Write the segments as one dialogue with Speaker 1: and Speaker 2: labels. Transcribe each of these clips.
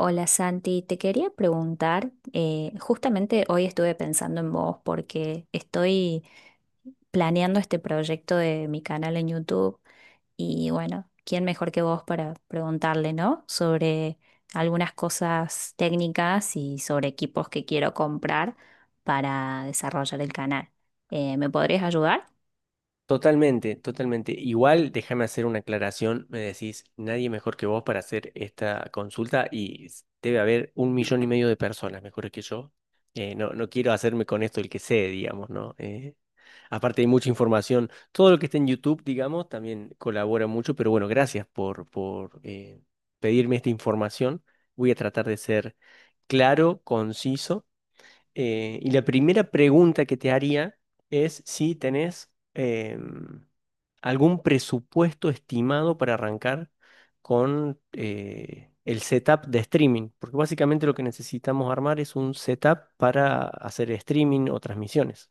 Speaker 1: Hola Santi, te quería preguntar, justamente hoy estuve pensando en vos porque estoy planeando este proyecto de mi canal en YouTube y bueno, ¿quién mejor que vos para preguntarle, ¿no? Sobre algunas cosas técnicas y sobre equipos que quiero comprar para desarrollar el canal. ¿Me podrías ayudar?
Speaker 2: Totalmente, totalmente. Igual déjame hacer una aclaración. Me decís, nadie mejor que vos para hacer esta consulta y debe haber 1.500.000 de personas mejores que yo. No, no quiero hacerme con esto el que sé, digamos, ¿no? Aparte hay mucha información. Todo lo que está en YouTube, digamos, también colabora mucho, pero bueno, gracias por pedirme esta información. Voy a tratar de ser claro, conciso, y la primera pregunta que te haría es si tenés algún presupuesto estimado para arrancar con el setup de streaming, porque básicamente lo que necesitamos armar es un setup para hacer streaming o transmisiones.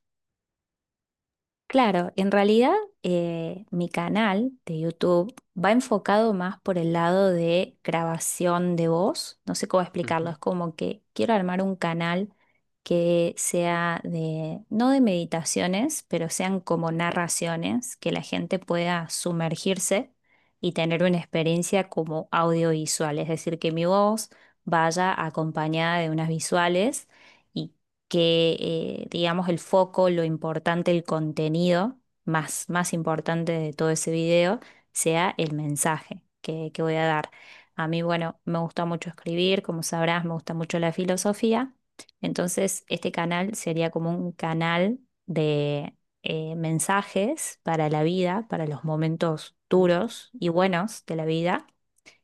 Speaker 1: Claro, en realidad mi canal de YouTube va enfocado más por el lado de grabación de voz. No sé cómo explicarlo,
Speaker 2: Ujú,
Speaker 1: es como que quiero armar un canal que sea de, no de meditaciones, pero sean como narraciones, que la gente pueda sumergirse y tener una experiencia como audiovisual, es decir, que mi voz vaya acompañada de unas visuales y que, digamos, el foco, lo importante, el contenido más importante de todo ese video sea el mensaje que voy a dar. A mí, bueno, me gusta mucho escribir, como sabrás, me gusta mucho la filosofía. Entonces, este canal sería como un canal de mensajes para la vida, para los momentos
Speaker 2: ujú,
Speaker 1: duros y buenos de la vida.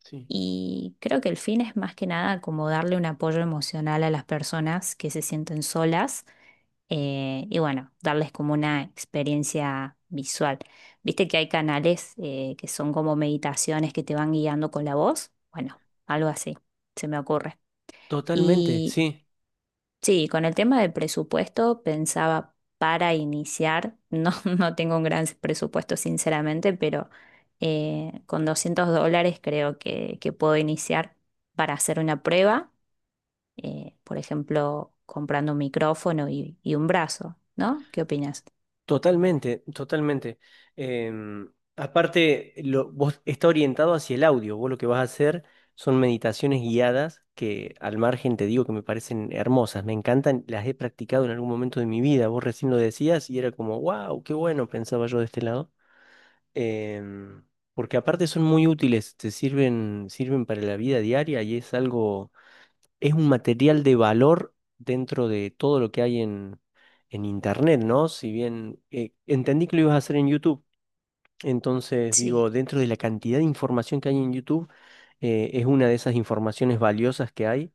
Speaker 2: sí.
Speaker 1: Y creo que el fin es más que nada como darle un apoyo emocional a las personas que se sienten solas y bueno, darles como una experiencia visual. Viste que hay canales que son como meditaciones que te van guiando con la voz. Bueno, algo así, se me ocurre.
Speaker 2: Totalmente,
Speaker 1: Y
Speaker 2: sí.
Speaker 1: sí, con el tema del presupuesto pensaba para iniciar, no, no tengo un gran presupuesto sinceramente, pero con $200 creo que puedo iniciar para hacer una prueba, por ejemplo, comprando un micrófono y un brazo, ¿no? ¿Qué opinas?
Speaker 2: Totalmente, totalmente. Em, Aparte, vos está orientado hacia el audio. Vos lo que vas a hacer son meditaciones guiadas que al margen te digo que me parecen hermosas, me encantan, las he practicado en algún momento de mi vida. Vos recién lo decías y era como, wow, qué bueno, pensaba yo de este lado. Em, Porque aparte son muy útiles, te sirven, sirven para la vida diaria y es algo es un material de valor dentro de todo lo que hay en Internet, ¿no? Si bien entendí que lo ibas a hacer en YouTube, entonces
Speaker 1: Sí.
Speaker 2: digo, dentro de la cantidad de información que hay en YouTube, es una de esas informaciones valiosas que hay,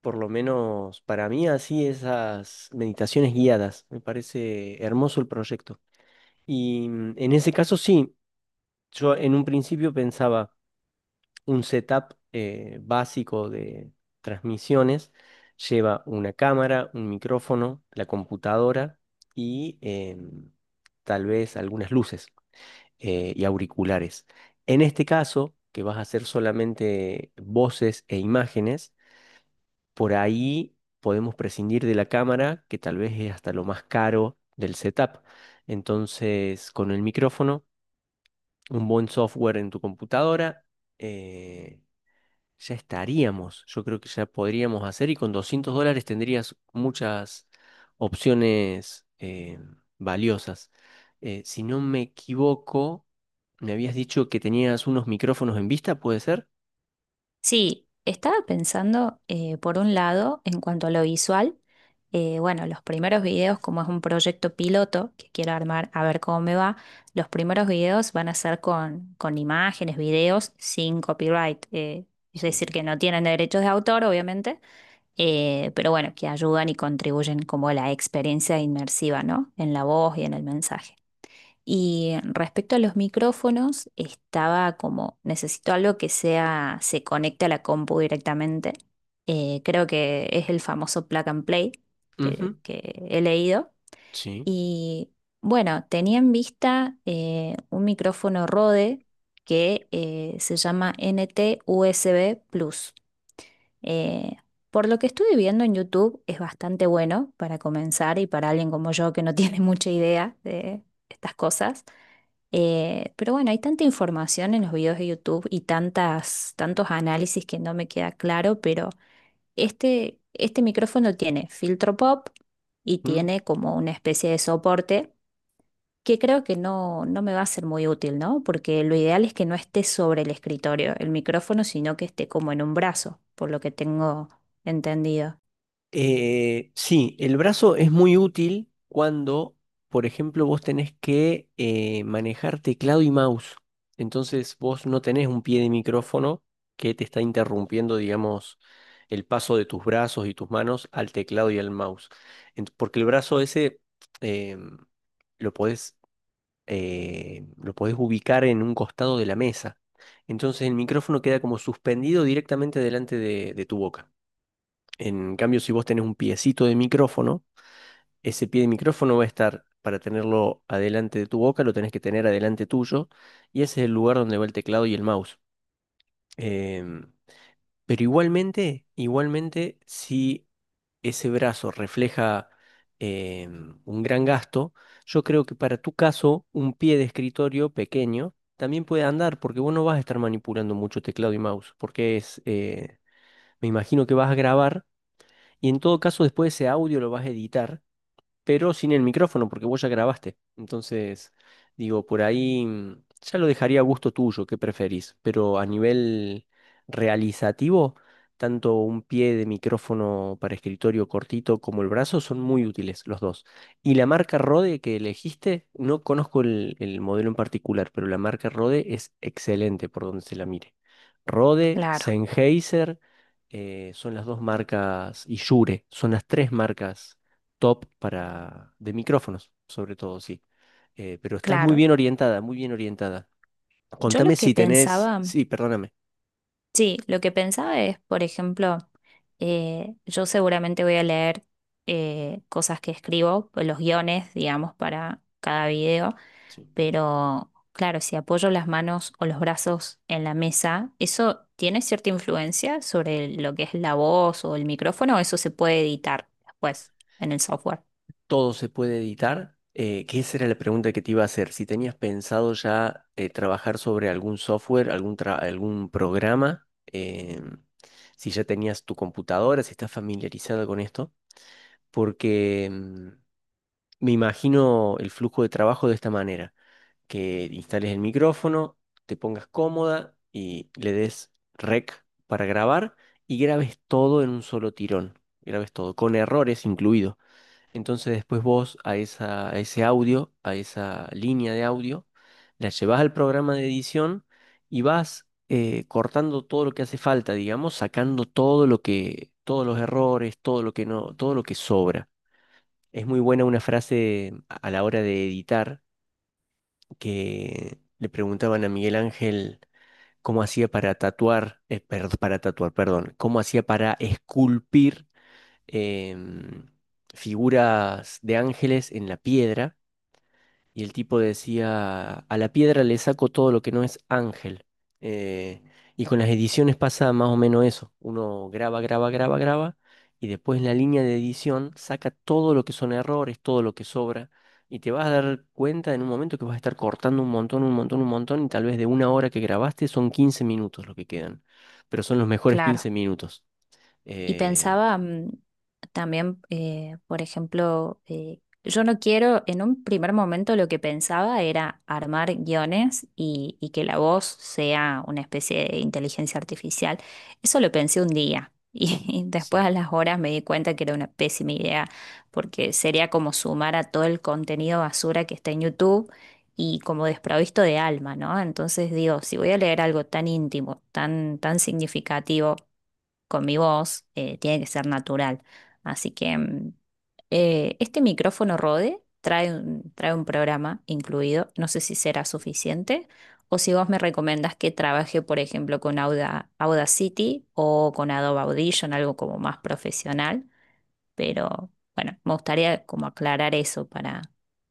Speaker 2: por lo menos para mí así esas meditaciones guiadas, me parece hermoso el proyecto. Y en ese caso sí, yo en un principio pensaba un setup básico de transmisiones lleva una cámara, un micrófono, la computadora y tal vez algunas luces y auriculares. En este caso, que vas a hacer solamente voces e imágenes, por ahí podemos prescindir de la cámara, que tal vez es hasta lo más caro del setup. Entonces, con el micrófono, un buen software en tu computadora, eh, ya estaríamos. Yo creo que ya podríamos hacer y con US$200 tendrías muchas opciones valiosas. Si no me equivoco, me habías dicho que tenías unos micrófonos en vista, ¿puede ser?
Speaker 1: Sí, estaba pensando, por un lado, en cuanto a lo visual, bueno, los primeros videos, como es un proyecto piloto que quiero armar a ver cómo me va, los primeros videos van a ser con imágenes, videos sin copyright, es decir,
Speaker 2: Sí.
Speaker 1: que no tienen derechos de autor, obviamente, pero bueno, que ayudan y contribuyen como a la experiencia inmersiva, ¿no? En la voz y en el mensaje. Y respecto a los micrófonos, estaba como, necesito algo que sea, se conecte a la compu directamente. Creo que es el famoso plug and play
Speaker 2: Ujú,
Speaker 1: que he leído.
Speaker 2: sí.
Speaker 1: Y bueno, tenía en vista un micrófono Rode que se llama NT-USB Plus. Eh, por lo que estuve viendo en YouTube, es bastante bueno para comenzar y para alguien como yo que no tiene mucha idea de estas cosas. Pero bueno, hay tanta información en los videos de YouTube y tantas, tantos análisis que no me queda claro, pero este micrófono tiene filtro pop y
Speaker 2: Mm.
Speaker 1: tiene como una especie de soporte que creo que no, no me va a ser muy útil, ¿no? Porque lo ideal es que no esté sobre el escritorio, el micrófono, sino que esté como en un brazo, por lo que tengo entendido.
Speaker 2: Sí, el brazo es muy útil cuando, por ejemplo, vos tenés que manejar teclado y mouse. Entonces vos no tenés un pie de micrófono que te está interrumpiendo, digamos, el paso de tus brazos y tus manos al teclado y al mouse. Porque el brazo ese em, lo podés, lo podés ubicar en un costado de la mesa. Entonces el micrófono queda como suspendido directamente delante de tu boca. En cambio, si vos tenés un piecito de micrófono, ese pie de micrófono va a estar, para tenerlo adelante de tu boca, lo tenés que tener adelante tuyo, y ese es el lugar donde va el teclado y el mouse. Em, pero igualmente, igualmente, si ese brazo refleja un gran gasto, yo creo que para tu caso, un pie de escritorio pequeño también puede andar, porque vos no vas a estar manipulando mucho teclado y mouse, me imagino que vas a grabar y en todo caso, después ese audio lo vas a editar pero sin el micrófono, porque vos ya grabaste. Entonces, digo, por ahí, ya lo dejaría a gusto tuyo, qué preferís. Pero a nivel realizativo, tanto un pie de micrófono para escritorio cortito como el brazo son muy útiles los dos. Y la marca Rode que elegiste, no conozco el modelo en particular, pero la marca Rode es excelente por donde se la mire. Rode,
Speaker 1: Claro,
Speaker 2: Sennheiser, son las dos marcas, y Shure, son las tres marcas top para de micrófonos, sobre todo, sí. Pero estás muy
Speaker 1: claro.
Speaker 2: bien orientada, muy bien orientada.
Speaker 1: Yo lo
Speaker 2: Contame
Speaker 1: que
Speaker 2: si tenés,
Speaker 1: pensaba,
Speaker 2: sí, perdóname,
Speaker 1: sí, lo que pensaba es, por ejemplo, yo seguramente voy a leer cosas que escribo, pues, los guiones, digamos, para cada video.
Speaker 2: sí.
Speaker 1: Pero claro, si apoyo las manos o los brazos en la mesa, ¿eso tiene cierta influencia sobre lo que es la voz o el micrófono? ¿O eso se puede editar después en el software?
Speaker 2: Todo se puede editar. Que esa era la pregunta que te iba a hacer. Si tenías pensado ya trabajar sobre algún software, algún programa, si ya tenías tu computadora, si estás familiarizada con esto, porque me imagino el flujo de trabajo de esta manera. Que instales el micrófono, te pongas cómoda y le des rec para grabar y grabes todo en un solo tirón. Grabes todo, con errores incluido. Entonces después vos a ese audio, a esa línea de audio, la llevas al programa de edición y vas cortando todo lo que hace falta, digamos, sacando todos los errores, todo lo que no, todo lo que sobra. Es muy buena una frase a la hora de editar que le preguntaban a Miguel Ángel cómo hacía para tatuar, para tatuar, perdón, cómo hacía para esculpir em, figuras de ángeles en la piedra. Y el tipo decía, a la piedra le saco todo lo que no es ángel. Eh, y con las ediciones pasa más o menos eso. Uno graba, graba, graba, graba, y después en la línea de edición saca todo lo que son errores, todo lo que sobra, y te vas a dar cuenta en un momento que vas a estar cortando un montón, un montón, un montón, y tal vez de una hora que grabaste son 15 minutos lo que quedan. Pero son los mejores 15
Speaker 1: Claro.
Speaker 2: minutos.
Speaker 1: Y
Speaker 2: Eh,
Speaker 1: pensaba mm, también, por ejemplo, yo no quiero, en un primer momento lo que pensaba era armar guiones y que la voz sea una especie de inteligencia artificial. Eso lo pensé un día y después a
Speaker 2: sí.
Speaker 1: las horas me di cuenta que era una pésima idea porque sería como sumar a todo el contenido basura que está en YouTube y como desprovisto de alma, ¿no? Entonces digo, si voy a leer algo tan íntimo, tan, tan significativo, con mi voz, tiene que ser natural. Así que mm, este micrófono Rode trae un programa incluido. No sé si será suficiente o si vos me recomendas que trabaje, por ejemplo, con Audacity o con Adobe Audition, algo como más profesional. Pero bueno, me gustaría como aclarar eso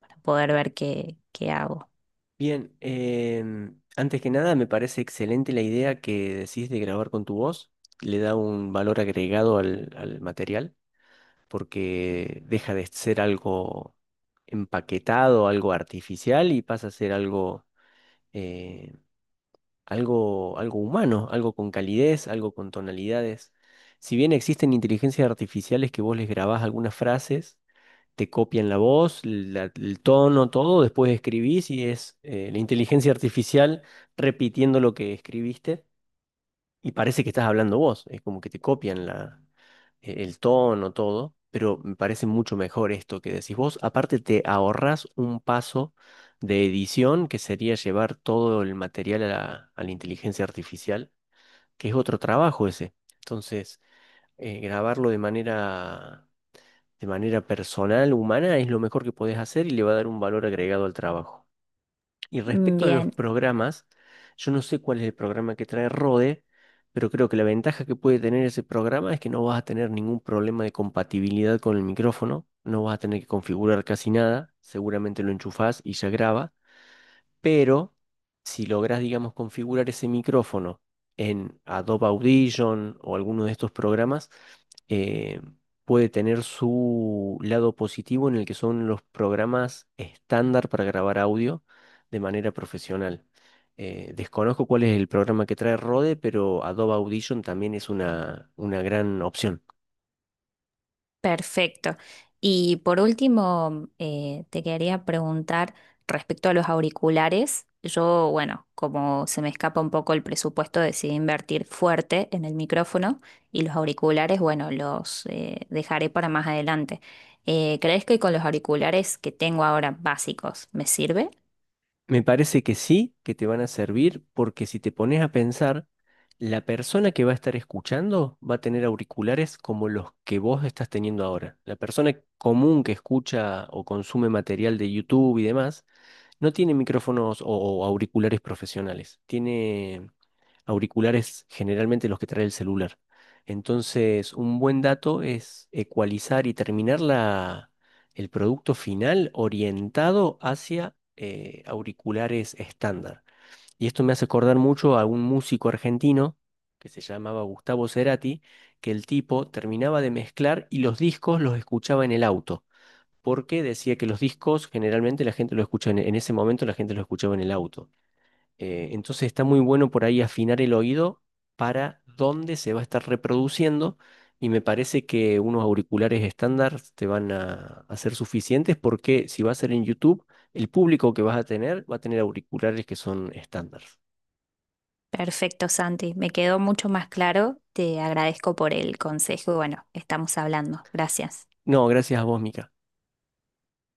Speaker 1: para poder ver qué, qué hago.
Speaker 2: Bien, antes que nada me parece excelente la idea que decís de grabar con tu voz. Le da un valor agregado al material porque deja de ser algo empaquetado, algo artificial y pasa a ser eh, algo humano, algo con calidez, algo con tonalidades. Si bien existen inteligencias artificiales que vos les grabás algunas frases te copian la voz, el tono, todo, después escribís y es la inteligencia artificial repitiendo lo que escribiste y parece que estás hablando vos, es como que te copian el tono, todo, pero me parece mucho mejor esto que decís vos. Aparte te ahorras un paso de edición que sería llevar todo el material a la inteligencia artificial, que es otro trabajo ese. Entonces, grabarlo de manera personal, humana, es lo mejor que podés hacer y le va a dar un valor agregado al trabajo. Y
Speaker 1: Mm,
Speaker 2: respecto a los
Speaker 1: bien,
Speaker 2: programas, yo no sé cuál es el programa que trae Rode, pero creo que la ventaja que puede tener ese programa es que no vas a tener ningún problema de compatibilidad con el micrófono, no vas a tener que configurar casi nada, seguramente lo enchufás y ya graba. Pero si logras, digamos, configurar ese micrófono en Adobe Audition o alguno de estos programas, eh, puede tener su lado positivo en el que son los programas estándar para grabar audio de manera profesional. Desconozco cuál es el programa que trae Rode, pero Adobe Audition también es una gran opción.
Speaker 1: perfecto. Y por último, te quería preguntar respecto a los auriculares. Yo, bueno, como se me escapa un poco el presupuesto, decidí invertir fuerte en el micrófono y los auriculares, bueno, los dejaré para más adelante. ¿Crees que con los auriculares que tengo ahora básicos me sirve?
Speaker 2: Me parece que sí, que te van a servir, porque si te pones a pensar, la persona que va a estar escuchando va a tener auriculares como los que vos estás teniendo ahora. La persona común que escucha o consume material de YouTube y demás, no tiene micrófonos o auriculares profesionales. Tiene auriculares generalmente los que trae el celular. Entonces, un buen dato es ecualizar y terminar el producto final orientado hacia auriculares estándar. Y esto me hace acordar mucho a un músico argentino que se llamaba Gustavo Cerati, que el tipo terminaba de mezclar y los discos los escuchaba en el auto porque decía que los discos generalmente la gente lo escucha en ese momento la gente lo escuchaba en el auto. Entonces está muy bueno por ahí afinar el oído para dónde se va a estar reproduciendo y me parece que unos auriculares estándar te van a ser suficientes porque si va a ser en YouTube, el público que vas a tener va a tener auriculares que son estándar.
Speaker 1: Perfecto, Santi. Me quedó mucho más claro. Te agradezco por el consejo y bueno, estamos hablando. Gracias.
Speaker 2: No, gracias a vos, Mica.